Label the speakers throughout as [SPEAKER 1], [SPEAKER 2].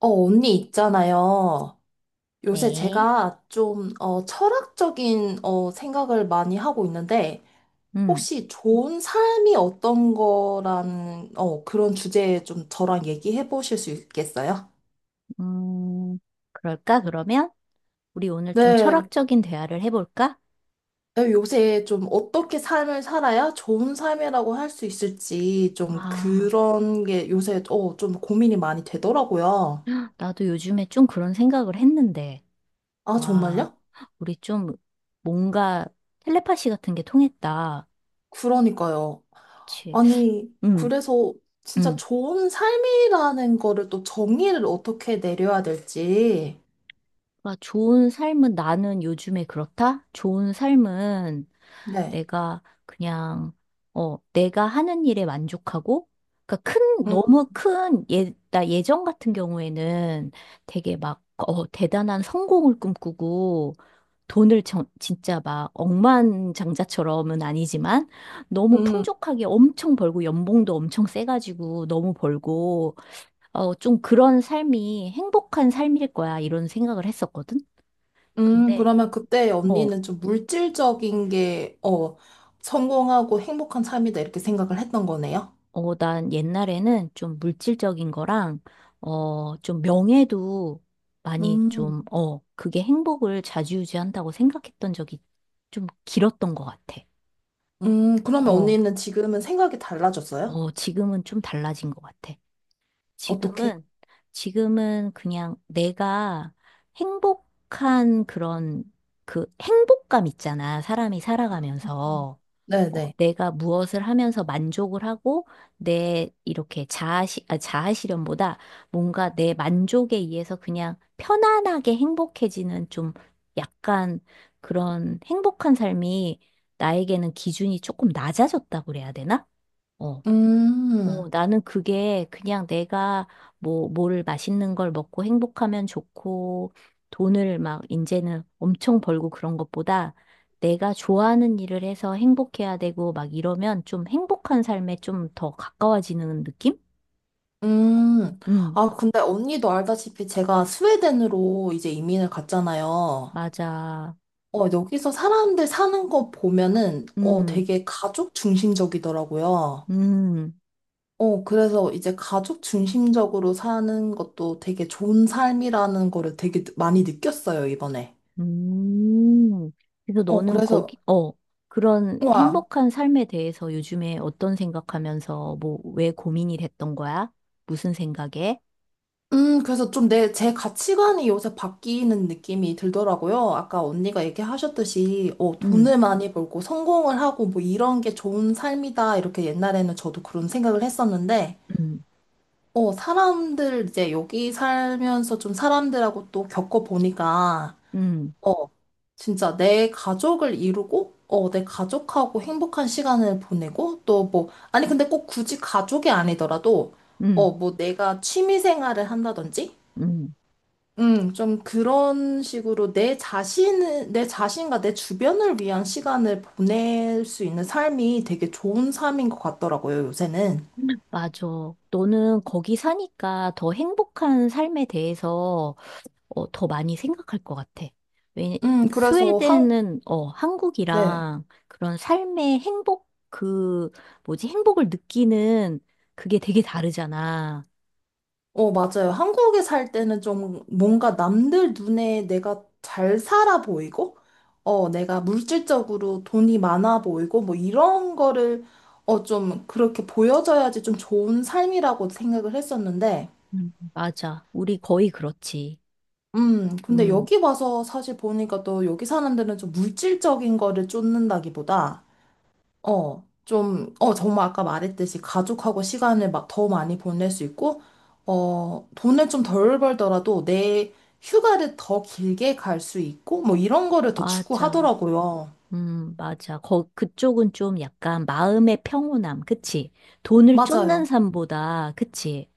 [SPEAKER 1] 언니 있잖아요. 요새
[SPEAKER 2] 네.
[SPEAKER 1] 제가 좀, 철학적인, 생각을 많이 하고 있는데,
[SPEAKER 2] 음,
[SPEAKER 1] 혹시 좋은 삶이 어떤 거라는, 그런 주제에 좀 저랑 얘기해 보실 수 있겠어요?
[SPEAKER 2] 음, 그럴까, 그러면? 우리 오늘 좀
[SPEAKER 1] 네.
[SPEAKER 2] 철학적인 대화를 해볼까?
[SPEAKER 1] 네, 요새 좀 어떻게 삶을 살아야 좋은 삶이라고 할 수 있을지 좀
[SPEAKER 2] 아,
[SPEAKER 1] 그런 게 요새, 좀 고민이 많이 되더라고요.
[SPEAKER 2] 나도 요즘에 좀 그런 생각을 했는데,
[SPEAKER 1] 아,
[SPEAKER 2] 와,
[SPEAKER 1] 정말요?
[SPEAKER 2] 우리 좀 뭔가 텔레파시 같은 게 통했다.
[SPEAKER 1] 그러니까요.
[SPEAKER 2] 그치.
[SPEAKER 1] 아니,
[SPEAKER 2] 음,
[SPEAKER 1] 그래서 진짜
[SPEAKER 2] 음.
[SPEAKER 1] 좋은 삶이라는 거를 또 정의를 어떻게 내려야 될지.
[SPEAKER 2] 그러니까 좋은 삶은 나는 요즘에 그렇다? 좋은 삶은
[SPEAKER 1] 네.
[SPEAKER 2] 내가 그냥, 내가 하는 일에 만족하고, 그러니까 큰,
[SPEAKER 1] 음,
[SPEAKER 2] 너무 큰, 예, 나 예전 같은 경우에는 되게 막, 대단한 성공을 꿈꾸고, 돈을 진짜 막 억만장자처럼은 아니지만 너무
[SPEAKER 1] 음,
[SPEAKER 2] 풍족하게 엄청 벌고 연봉도 엄청 세가지고 너무 벌고 좀 그런 삶이 행복한 삶일 거야 이런 생각을 했었거든. 근데
[SPEAKER 1] 그러면 그때
[SPEAKER 2] 어,
[SPEAKER 1] 언니는 좀 물질적인 게, 성공하고 행복한 삶이다, 이렇게 생각을 했던 거네요.
[SPEAKER 2] 난 옛날에는 좀 물질적인 거랑, 좀 명예도 많이
[SPEAKER 1] 음,
[SPEAKER 2] 좀, 그게 행복을 좌지우지한다고 생각했던 적이 좀 길었던 것 같아.
[SPEAKER 1] 그러면
[SPEAKER 2] 어,
[SPEAKER 1] 언니는 지금은 생각이 달라졌어요?
[SPEAKER 2] 지금은 좀 달라진 것 같아.
[SPEAKER 1] 어떻게?
[SPEAKER 2] 지금은, 지금은 그냥 내가 행복한 그런 그 행복감 있잖아. 사람이
[SPEAKER 1] 음.
[SPEAKER 2] 살아가면서.
[SPEAKER 1] 네네.
[SPEAKER 2] 내가 무엇을 하면서 만족을 하고 내 이렇게 자아실현보다 뭔가 내 만족에 의해서 그냥 편안하게 행복해지는 좀 약간 그런 행복한 삶이 나에게는 기준이 조금 낮아졌다고 그래야 되나? 어.
[SPEAKER 1] 음,
[SPEAKER 2] 나는 그게 그냥 내가 뭐, 뭘 맛있는 걸 먹고 행복하면 좋고, 돈을 막 이제는 엄청 벌고 그런 것보다 내가 좋아하는 일을 해서 행복해야 되고 막 이러면 좀 행복한 삶에 좀 더 가까워지는 느낌?
[SPEAKER 1] 음.
[SPEAKER 2] 음,
[SPEAKER 1] 아, 근데 언니도 알다시피 제가 스웨덴으로 이제 이민을 갔잖아요.
[SPEAKER 2] 맞아.
[SPEAKER 1] 여기서 사람들 사는 거 보면은,
[SPEAKER 2] 음,
[SPEAKER 1] 되게 가족 중심적이더라고요.
[SPEAKER 2] 음,
[SPEAKER 1] 그래서 이제 가족 중심적으로 사는 것도 되게 좋은 삶이라는 거를 되게 많이 느꼈어요, 이번에.
[SPEAKER 2] 음. 그래서 너는
[SPEAKER 1] 그래서,
[SPEAKER 2] 거기, 그런
[SPEAKER 1] 와,
[SPEAKER 2] 행복한 삶에 대해서 요즘에 어떤 생각하면서 뭐, 왜 고민이 됐던 거야? 무슨 생각에?
[SPEAKER 1] 그래서 좀 제 가치관이 요새 바뀌는 느낌이 들더라고요. 아까 언니가 얘기하셨듯이,
[SPEAKER 2] 음,
[SPEAKER 1] 돈을 많이 벌고 성공을 하고 뭐 이런 게 좋은 삶이다. 이렇게 옛날에는 저도 그런 생각을 했었는데,
[SPEAKER 2] 음,
[SPEAKER 1] 사람들 이제 여기 살면서 좀 사람들하고 또 겪어보니까,
[SPEAKER 2] 음,
[SPEAKER 1] 어, 진짜 내 가족을 이루고, 내 가족하고 행복한 시간을 보내고, 또 뭐, 아니, 근데 꼭 굳이 가족이 아니더라도,
[SPEAKER 2] 음,
[SPEAKER 1] 뭐 내가 취미 생활을 한다든지,
[SPEAKER 2] 음.
[SPEAKER 1] 좀 그런 식으로 내 자신을, 내 자신과 내 주변을 위한 시간을 보낼 수 있는 삶이 되게 좋은 삶인 것 같더라고요, 요새는.
[SPEAKER 2] 맞아. 너는 거기 사니까 더 행복한 삶에 대해서 더 많이 생각할 것 같아. 왜,
[SPEAKER 1] 그래서 한,
[SPEAKER 2] 스웨덴은
[SPEAKER 1] 네.
[SPEAKER 2] 한국이랑 그런 삶의 행복, 그, 뭐지, 행복을 느끼는 그게 되게 다르잖아.
[SPEAKER 1] 맞아요. 한국에 살 때는 좀 뭔가 남들 눈에 내가 잘 살아 보이고, 내가 물질적으로 돈이 많아 보이고, 뭐 이런 거를, 좀 그렇게 보여져야지 좀 좋은 삶이라고 생각을 했었는데,
[SPEAKER 2] 맞아. 우리 거의 그렇지.
[SPEAKER 1] 근데
[SPEAKER 2] 음,
[SPEAKER 1] 여기 와서 사실 보니까 또 여기 사람들은 좀 물질적인 거를 쫓는다기보다, 좀, 정말 아까 말했듯이 가족하고 시간을 막 더 많이 보낼 수 있고, 돈을 좀 덜 벌더라도 내 휴가를 더 길게 갈 수 있고, 뭐 이런 거를 더
[SPEAKER 2] 맞아.
[SPEAKER 1] 추구하더라고요.
[SPEAKER 2] 맞아. 거, 그쪽은 좀 약간 마음의 평온함, 그치? 돈을
[SPEAKER 1] 맞아요.
[SPEAKER 2] 쫓는 삶보다, 그치?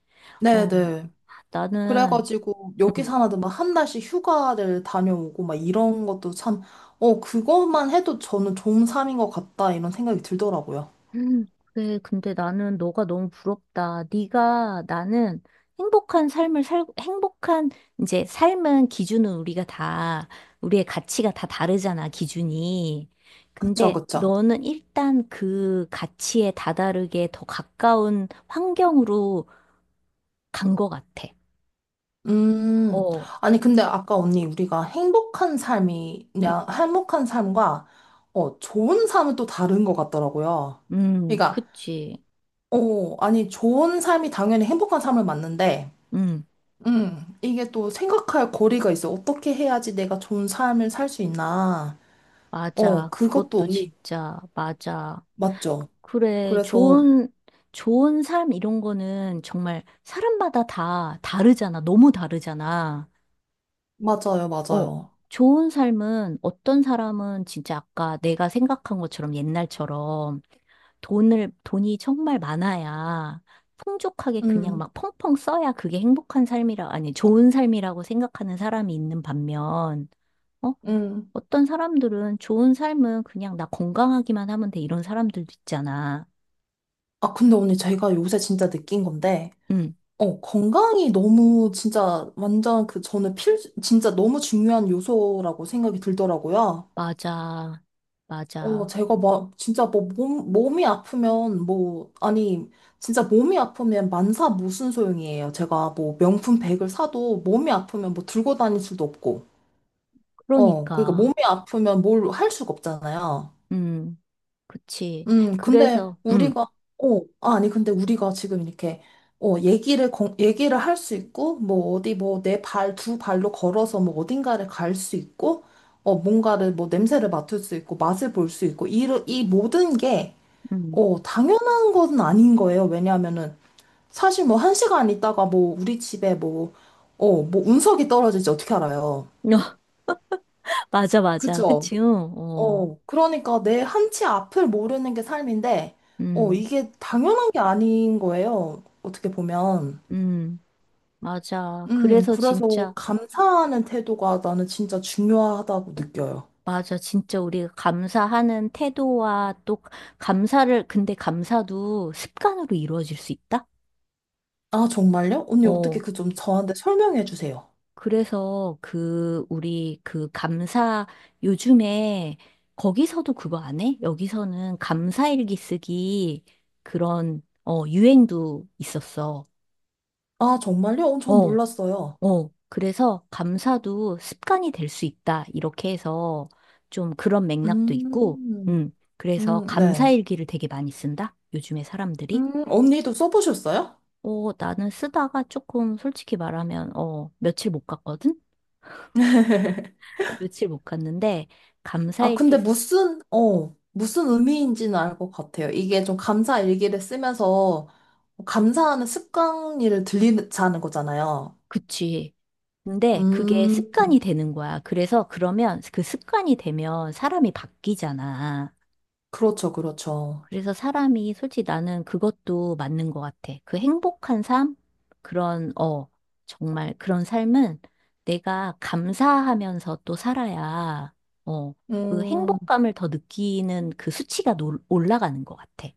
[SPEAKER 2] 어,
[SPEAKER 1] 네네.
[SPEAKER 2] 나는,
[SPEAKER 1] 그래가지고 여기
[SPEAKER 2] 음,
[SPEAKER 1] 사나도 막 한 달씩 휴가를 다녀오고 막 이런 것도 참, 그것만 해도 저는 좋은 삶인 것 같다 이런 생각이 들더라고요.
[SPEAKER 2] 음, 그래, 근데 나는 너가 너무 부럽다. 네가, 나는 행복한 삶을 살, 행복한, 이제 삶은 기준은 우리가 다, 우리의 가치가 다 다르잖아, 기준이.
[SPEAKER 1] 그쵸,
[SPEAKER 2] 근데
[SPEAKER 1] 그쵸.
[SPEAKER 2] 너는 일단 그 가치에 다다르게 더 가까운 환경으로 간 것 같아.
[SPEAKER 1] 음,
[SPEAKER 2] 어.
[SPEAKER 1] 아니, 근데 아까 언니, 우리가 행복한 삶이냐, 행복한 삶과, 좋은 삶은 또 다른 것 같더라고요. 그러니까,
[SPEAKER 2] 그치.
[SPEAKER 1] 아니, 좋은 삶이 당연히 행복한 삶을 맞는데,
[SPEAKER 2] 음,
[SPEAKER 1] 이게 또 생각할 거리가 있어. 어떻게 해야지 내가 좋은 삶을 살 수 있나.
[SPEAKER 2] 맞아.
[SPEAKER 1] 그것도
[SPEAKER 2] 그것도
[SPEAKER 1] 언니,
[SPEAKER 2] 진짜, 맞아.
[SPEAKER 1] 맞죠?
[SPEAKER 2] 그래,
[SPEAKER 1] 그래서,
[SPEAKER 2] 좋은, 좋은 삶 이런 거는 정말 사람마다 다 다르잖아. 너무 다르잖아.
[SPEAKER 1] 맞아요,
[SPEAKER 2] 어,
[SPEAKER 1] 맞아요.
[SPEAKER 2] 좋은 삶은 어떤 사람은 진짜 아까 내가 생각한 것처럼 옛날처럼 돈을, 돈이 정말 많아야 풍족하게 그냥
[SPEAKER 1] 음,
[SPEAKER 2] 막 펑펑 써야 그게 행복한 삶이라, 아니, 좋은 삶이라고 생각하는 사람이 있는 반면, 어?
[SPEAKER 1] 음.
[SPEAKER 2] 어떤 사람들은 좋은 삶은 그냥 나 건강하기만 하면 돼. 이런 사람들도 있잖아.
[SPEAKER 1] 아, 근데 언니, 제가 요새 진짜 느낀 건데,
[SPEAKER 2] 응,
[SPEAKER 1] 건강이 너무 진짜 완전 그 저는 진짜 너무 중요한 요소라고 생각이 들더라고요.
[SPEAKER 2] 맞아. 맞아.
[SPEAKER 1] 제가 막 진짜 뭐 몸이 아프면 뭐, 아니, 진짜 몸이 아프면 만사 무슨 소용이에요. 제가 뭐 명품 백을 사도 몸이 아프면 뭐 들고 다닐 수도 없고. 그러니까
[SPEAKER 2] 그러니까.
[SPEAKER 1] 몸이 아프면 뭘 할 수가 없잖아요.
[SPEAKER 2] 응, 그치.
[SPEAKER 1] 근데
[SPEAKER 2] 그래서, 응,
[SPEAKER 1] 우리가, 아니, 근데 우리가 지금 이렇게, 얘기를 할 수 있고, 뭐, 어디, 뭐, 내 발, 두 발로 걸어서 뭐, 어딘가를 갈 수 있고, 뭔가를, 뭐, 냄새를 맡을 수 있고, 맛을 볼 수 있고, 이 모든 게,
[SPEAKER 2] 응.
[SPEAKER 1] 당연한 건 아닌 거예요. 왜냐하면은, 사실 뭐, 한 시간 있다가 뭐, 우리 집에 뭐, 뭐, 운석이 떨어질지 어떻게 알아요?
[SPEAKER 2] 맞아, 맞아.
[SPEAKER 1] 그죠?
[SPEAKER 2] 그치, 응, 어.
[SPEAKER 1] 그러니까 내 한치 앞을 모르는 게 삶인데,
[SPEAKER 2] 응,
[SPEAKER 1] 이게 당연한 게 아닌 거예요. 어떻게 보면.
[SPEAKER 2] 응. 맞아. 그래서
[SPEAKER 1] 그래서
[SPEAKER 2] 진짜,
[SPEAKER 1] 감사하는 태도가 나는 진짜 중요하다고 느껴요.
[SPEAKER 2] 맞아. 진짜 우리가 감사하는 태도와 또 감사를, 근데 감사도 습관으로 이루어질 수 있다?
[SPEAKER 1] 아, 정말요? 언니, 어떻게
[SPEAKER 2] 어.
[SPEAKER 1] 그 좀 저한테 설명해 주세요.
[SPEAKER 2] 그래서 그 우리 그 감사 요즘에 거기서도 그거 안 해? 여기서는 감사일기 쓰기 그런 유행도 있었어.
[SPEAKER 1] 아, 정말요? 전
[SPEAKER 2] 어,
[SPEAKER 1] 몰랐어요.
[SPEAKER 2] 그래서 감사도 습관이 될 수 있다. 이렇게 해서 좀 그런 맥락도 있고.
[SPEAKER 1] 음,
[SPEAKER 2] 음. 그래서
[SPEAKER 1] 네.
[SPEAKER 2] 감사일기를 되게 많이 쓴다. 요즘에 사람들이.
[SPEAKER 1] 언니도 써보셨어요?
[SPEAKER 2] 나는 쓰다가 조금 솔직히 말하면 며칠 못 갔거든? 며칠 못 갔는데
[SPEAKER 1] 아,
[SPEAKER 2] 감사일기
[SPEAKER 1] 근데 무슨, 무슨 의미인지는 알 것 같아요. 이게 좀 감사 일기를 쓰면서 감사하는 습관을 들리자는 거잖아요.
[SPEAKER 2] 그치. 근데 그게
[SPEAKER 1] 음,
[SPEAKER 2] 습관이 되는 거야. 그래서 그러면 그 습관이 되면 사람이 바뀌잖아.
[SPEAKER 1] 그렇죠, 그렇죠.
[SPEAKER 2] 그래서 사람이 솔직히 나는 그것도 맞는 것 같아. 그 행복한 삶? 그런, 정말 그런 삶은 내가 감사하면서 또 살아야, 어, 그
[SPEAKER 1] 음,
[SPEAKER 2] 행복감을 더 느끼는 그 수치가 올라가는 것 같아.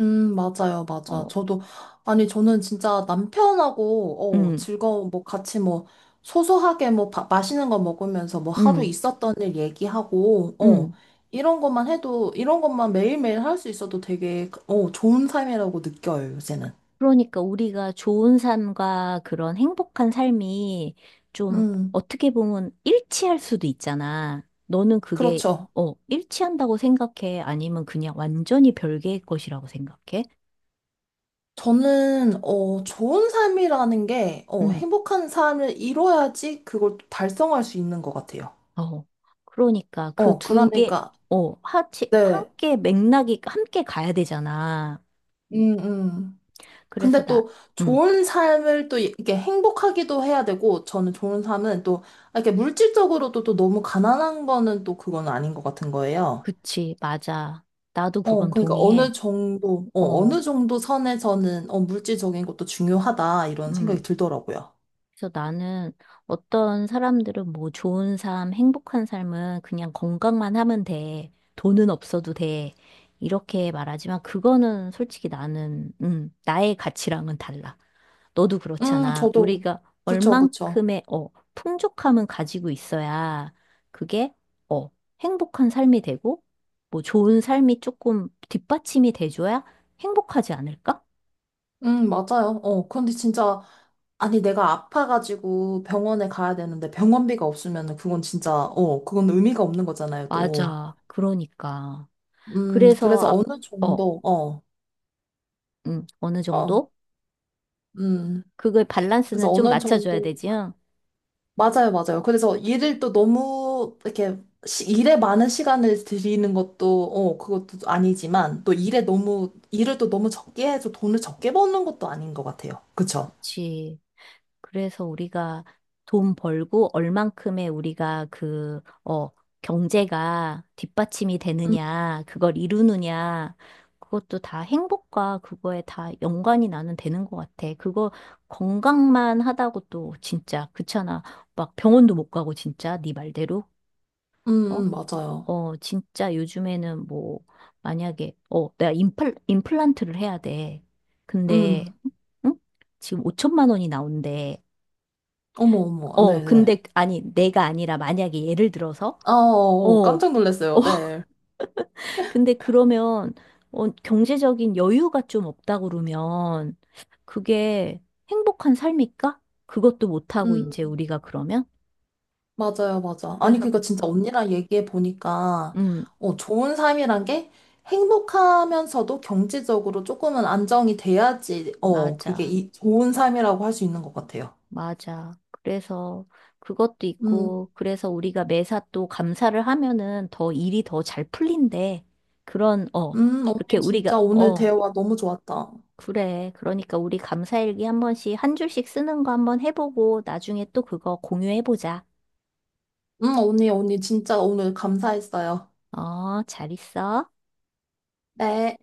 [SPEAKER 1] 맞아요, 맞아.
[SPEAKER 2] 어,
[SPEAKER 1] 저도, 아니, 저는 진짜 남편하고,
[SPEAKER 2] 음,
[SPEAKER 1] 즐거운, 뭐, 같이 뭐, 소소하게 뭐, 맛있는 거 먹으면서 뭐, 하루
[SPEAKER 2] 음,
[SPEAKER 1] 있었던 일 얘기하고,
[SPEAKER 2] 음.
[SPEAKER 1] 이런 것만 해도, 이런 것만 매일매일 할 수 있어도 되게, 좋은 삶이라고 느껴요, 요새는.
[SPEAKER 2] 그러니까 우리가 좋은 삶과 그런 행복한 삶이 좀
[SPEAKER 1] 음,
[SPEAKER 2] 어떻게 보면 일치할 수도 있잖아. 너는 그게,
[SPEAKER 1] 그렇죠.
[SPEAKER 2] 일치한다고 생각해? 아니면 그냥 완전히 별개의 것이라고 생각해?
[SPEAKER 1] 저는, 좋은 삶이라는 게,
[SPEAKER 2] 음,
[SPEAKER 1] 행복한 삶을 이뤄야지 그걸 또 달성할 수 있는 것 같아요.
[SPEAKER 2] 어. 그러니까 그 두 개,
[SPEAKER 1] 그러니까, 네.
[SPEAKER 2] 함께 맥락이 함께 가야 되잖아.
[SPEAKER 1] 음, 음.
[SPEAKER 2] 그래서
[SPEAKER 1] 근데
[SPEAKER 2] 나,
[SPEAKER 1] 또
[SPEAKER 2] 음,
[SPEAKER 1] 좋은 삶을 또 이렇게 행복하기도 해야 되고, 저는 좋은 삶은 또, 이렇게 물질적으로도 또 너무 가난한 거는 또 그건 아닌 것 같은 거예요.
[SPEAKER 2] 그치, 맞아. 나도 그건
[SPEAKER 1] 그러니까
[SPEAKER 2] 동의해.
[SPEAKER 1] 어느 정도,
[SPEAKER 2] 어,
[SPEAKER 1] 어느 정도 선에서는, 물질적인 것도 중요하다, 이런
[SPEAKER 2] 음.
[SPEAKER 1] 생각이 들더라고요.
[SPEAKER 2] 그래서 나는 어떤 사람들은 뭐 좋은 삶, 행복한 삶은 그냥 건강만 하면 돼. 돈은 없어도 돼. 이렇게 말하지만 그거는 솔직히 나는, 나의 가치랑은 달라. 너도 그렇잖아.
[SPEAKER 1] 저도.
[SPEAKER 2] 우리가
[SPEAKER 1] 그쵸, 그쵸.
[SPEAKER 2] 얼만큼의, 풍족함은 가지고 있어야 그게, 어, 행복한 삶이 되고, 뭐 좋은 삶이 조금 뒷받침이 돼줘야 행복하지 않을까?
[SPEAKER 1] 맞아요. 근데 진짜, 아니, 내가 아파가지고 병원에 가야 되는데 병원비가 없으면 그건 진짜, 그건 의미가 없는 거잖아요, 또.
[SPEAKER 2] 맞아. 그러니까.
[SPEAKER 1] 음,
[SPEAKER 2] 그래서,
[SPEAKER 1] 그래서
[SPEAKER 2] 아,
[SPEAKER 1] 어느
[SPEAKER 2] 어.
[SPEAKER 1] 정도, 어,
[SPEAKER 2] 어느
[SPEAKER 1] 어,
[SPEAKER 2] 정도?
[SPEAKER 1] 음,
[SPEAKER 2] 그걸
[SPEAKER 1] 그래서
[SPEAKER 2] 밸런스는 좀
[SPEAKER 1] 어느
[SPEAKER 2] 맞춰줘야
[SPEAKER 1] 정도,
[SPEAKER 2] 되지, 요
[SPEAKER 1] 맞아요, 맞아요. 그래서 일을 또 너무, 이렇게, 일에 많은 시간을 들이는 것도, 그것도 아니지만, 또 일에 너무, 일을 또 너무 적게 해서 돈을 적게 버는 것도 아닌 것 같아요. 그쵸?
[SPEAKER 2] 그치. 그래서 우리가 돈 벌고 얼만큼의 우리가 그, 경제가 뒷받침이
[SPEAKER 1] 음,
[SPEAKER 2] 되느냐, 그걸 이루느냐, 그것도 다 행복과 그거에 다 연관이 나는 되는 것 같아. 그거 건강만 하다고 또 진짜 그렇잖아. 막 병원도 못 가고 진짜 네 말대로. 어?
[SPEAKER 1] 맞아요.
[SPEAKER 2] 진짜 요즘에는 뭐, 만약에, 내가 임플란트를 해야 돼. 근데,
[SPEAKER 1] 음,
[SPEAKER 2] 응? 지금 5천만 원이 나온대.
[SPEAKER 1] 어머, 어머, 네네.
[SPEAKER 2] 근데, 아니, 내가 아니라 만약에 예를 들어서,
[SPEAKER 1] 아, 어,
[SPEAKER 2] 어,
[SPEAKER 1] 어, 어.
[SPEAKER 2] 어,
[SPEAKER 1] 깜짝 놀랐어요, 네.
[SPEAKER 2] 근데 그러면, 경제적인 여유가 좀 없다 그러면, 그게 행복한 삶일까? 그것도 못하고,
[SPEAKER 1] 음,
[SPEAKER 2] 이제 우리가 그러면?
[SPEAKER 1] 맞아요, 맞아. 아니,
[SPEAKER 2] 그래서,
[SPEAKER 1] 그니까 진짜 언니랑 얘기해 보니까,
[SPEAKER 2] 음,
[SPEAKER 1] 좋은 삶이란 게 행복하면서도 경제적으로 조금은 안정이 돼야지, 그게
[SPEAKER 2] 맞아.
[SPEAKER 1] 이 좋은 삶이라고 할 수 있는 것 같아요.
[SPEAKER 2] 맞아. 그래서 그것도
[SPEAKER 1] 음,
[SPEAKER 2] 있고, 그래서 우리가 매사 또 감사를 하면은 더 일이 더 잘 풀린대. 그런, 이렇게
[SPEAKER 1] 언니
[SPEAKER 2] 우리가,
[SPEAKER 1] 진짜 오늘 대화 너무 좋았다.
[SPEAKER 2] 그래. 그러니까 우리 감사일기 한 번씩, 한 줄씩 쓰는 거 한번 해보고, 나중에 또 그거 공유해보자.
[SPEAKER 1] 언니, 언니 진짜 오늘 감사했어요.
[SPEAKER 2] 잘 있어.
[SPEAKER 1] 네.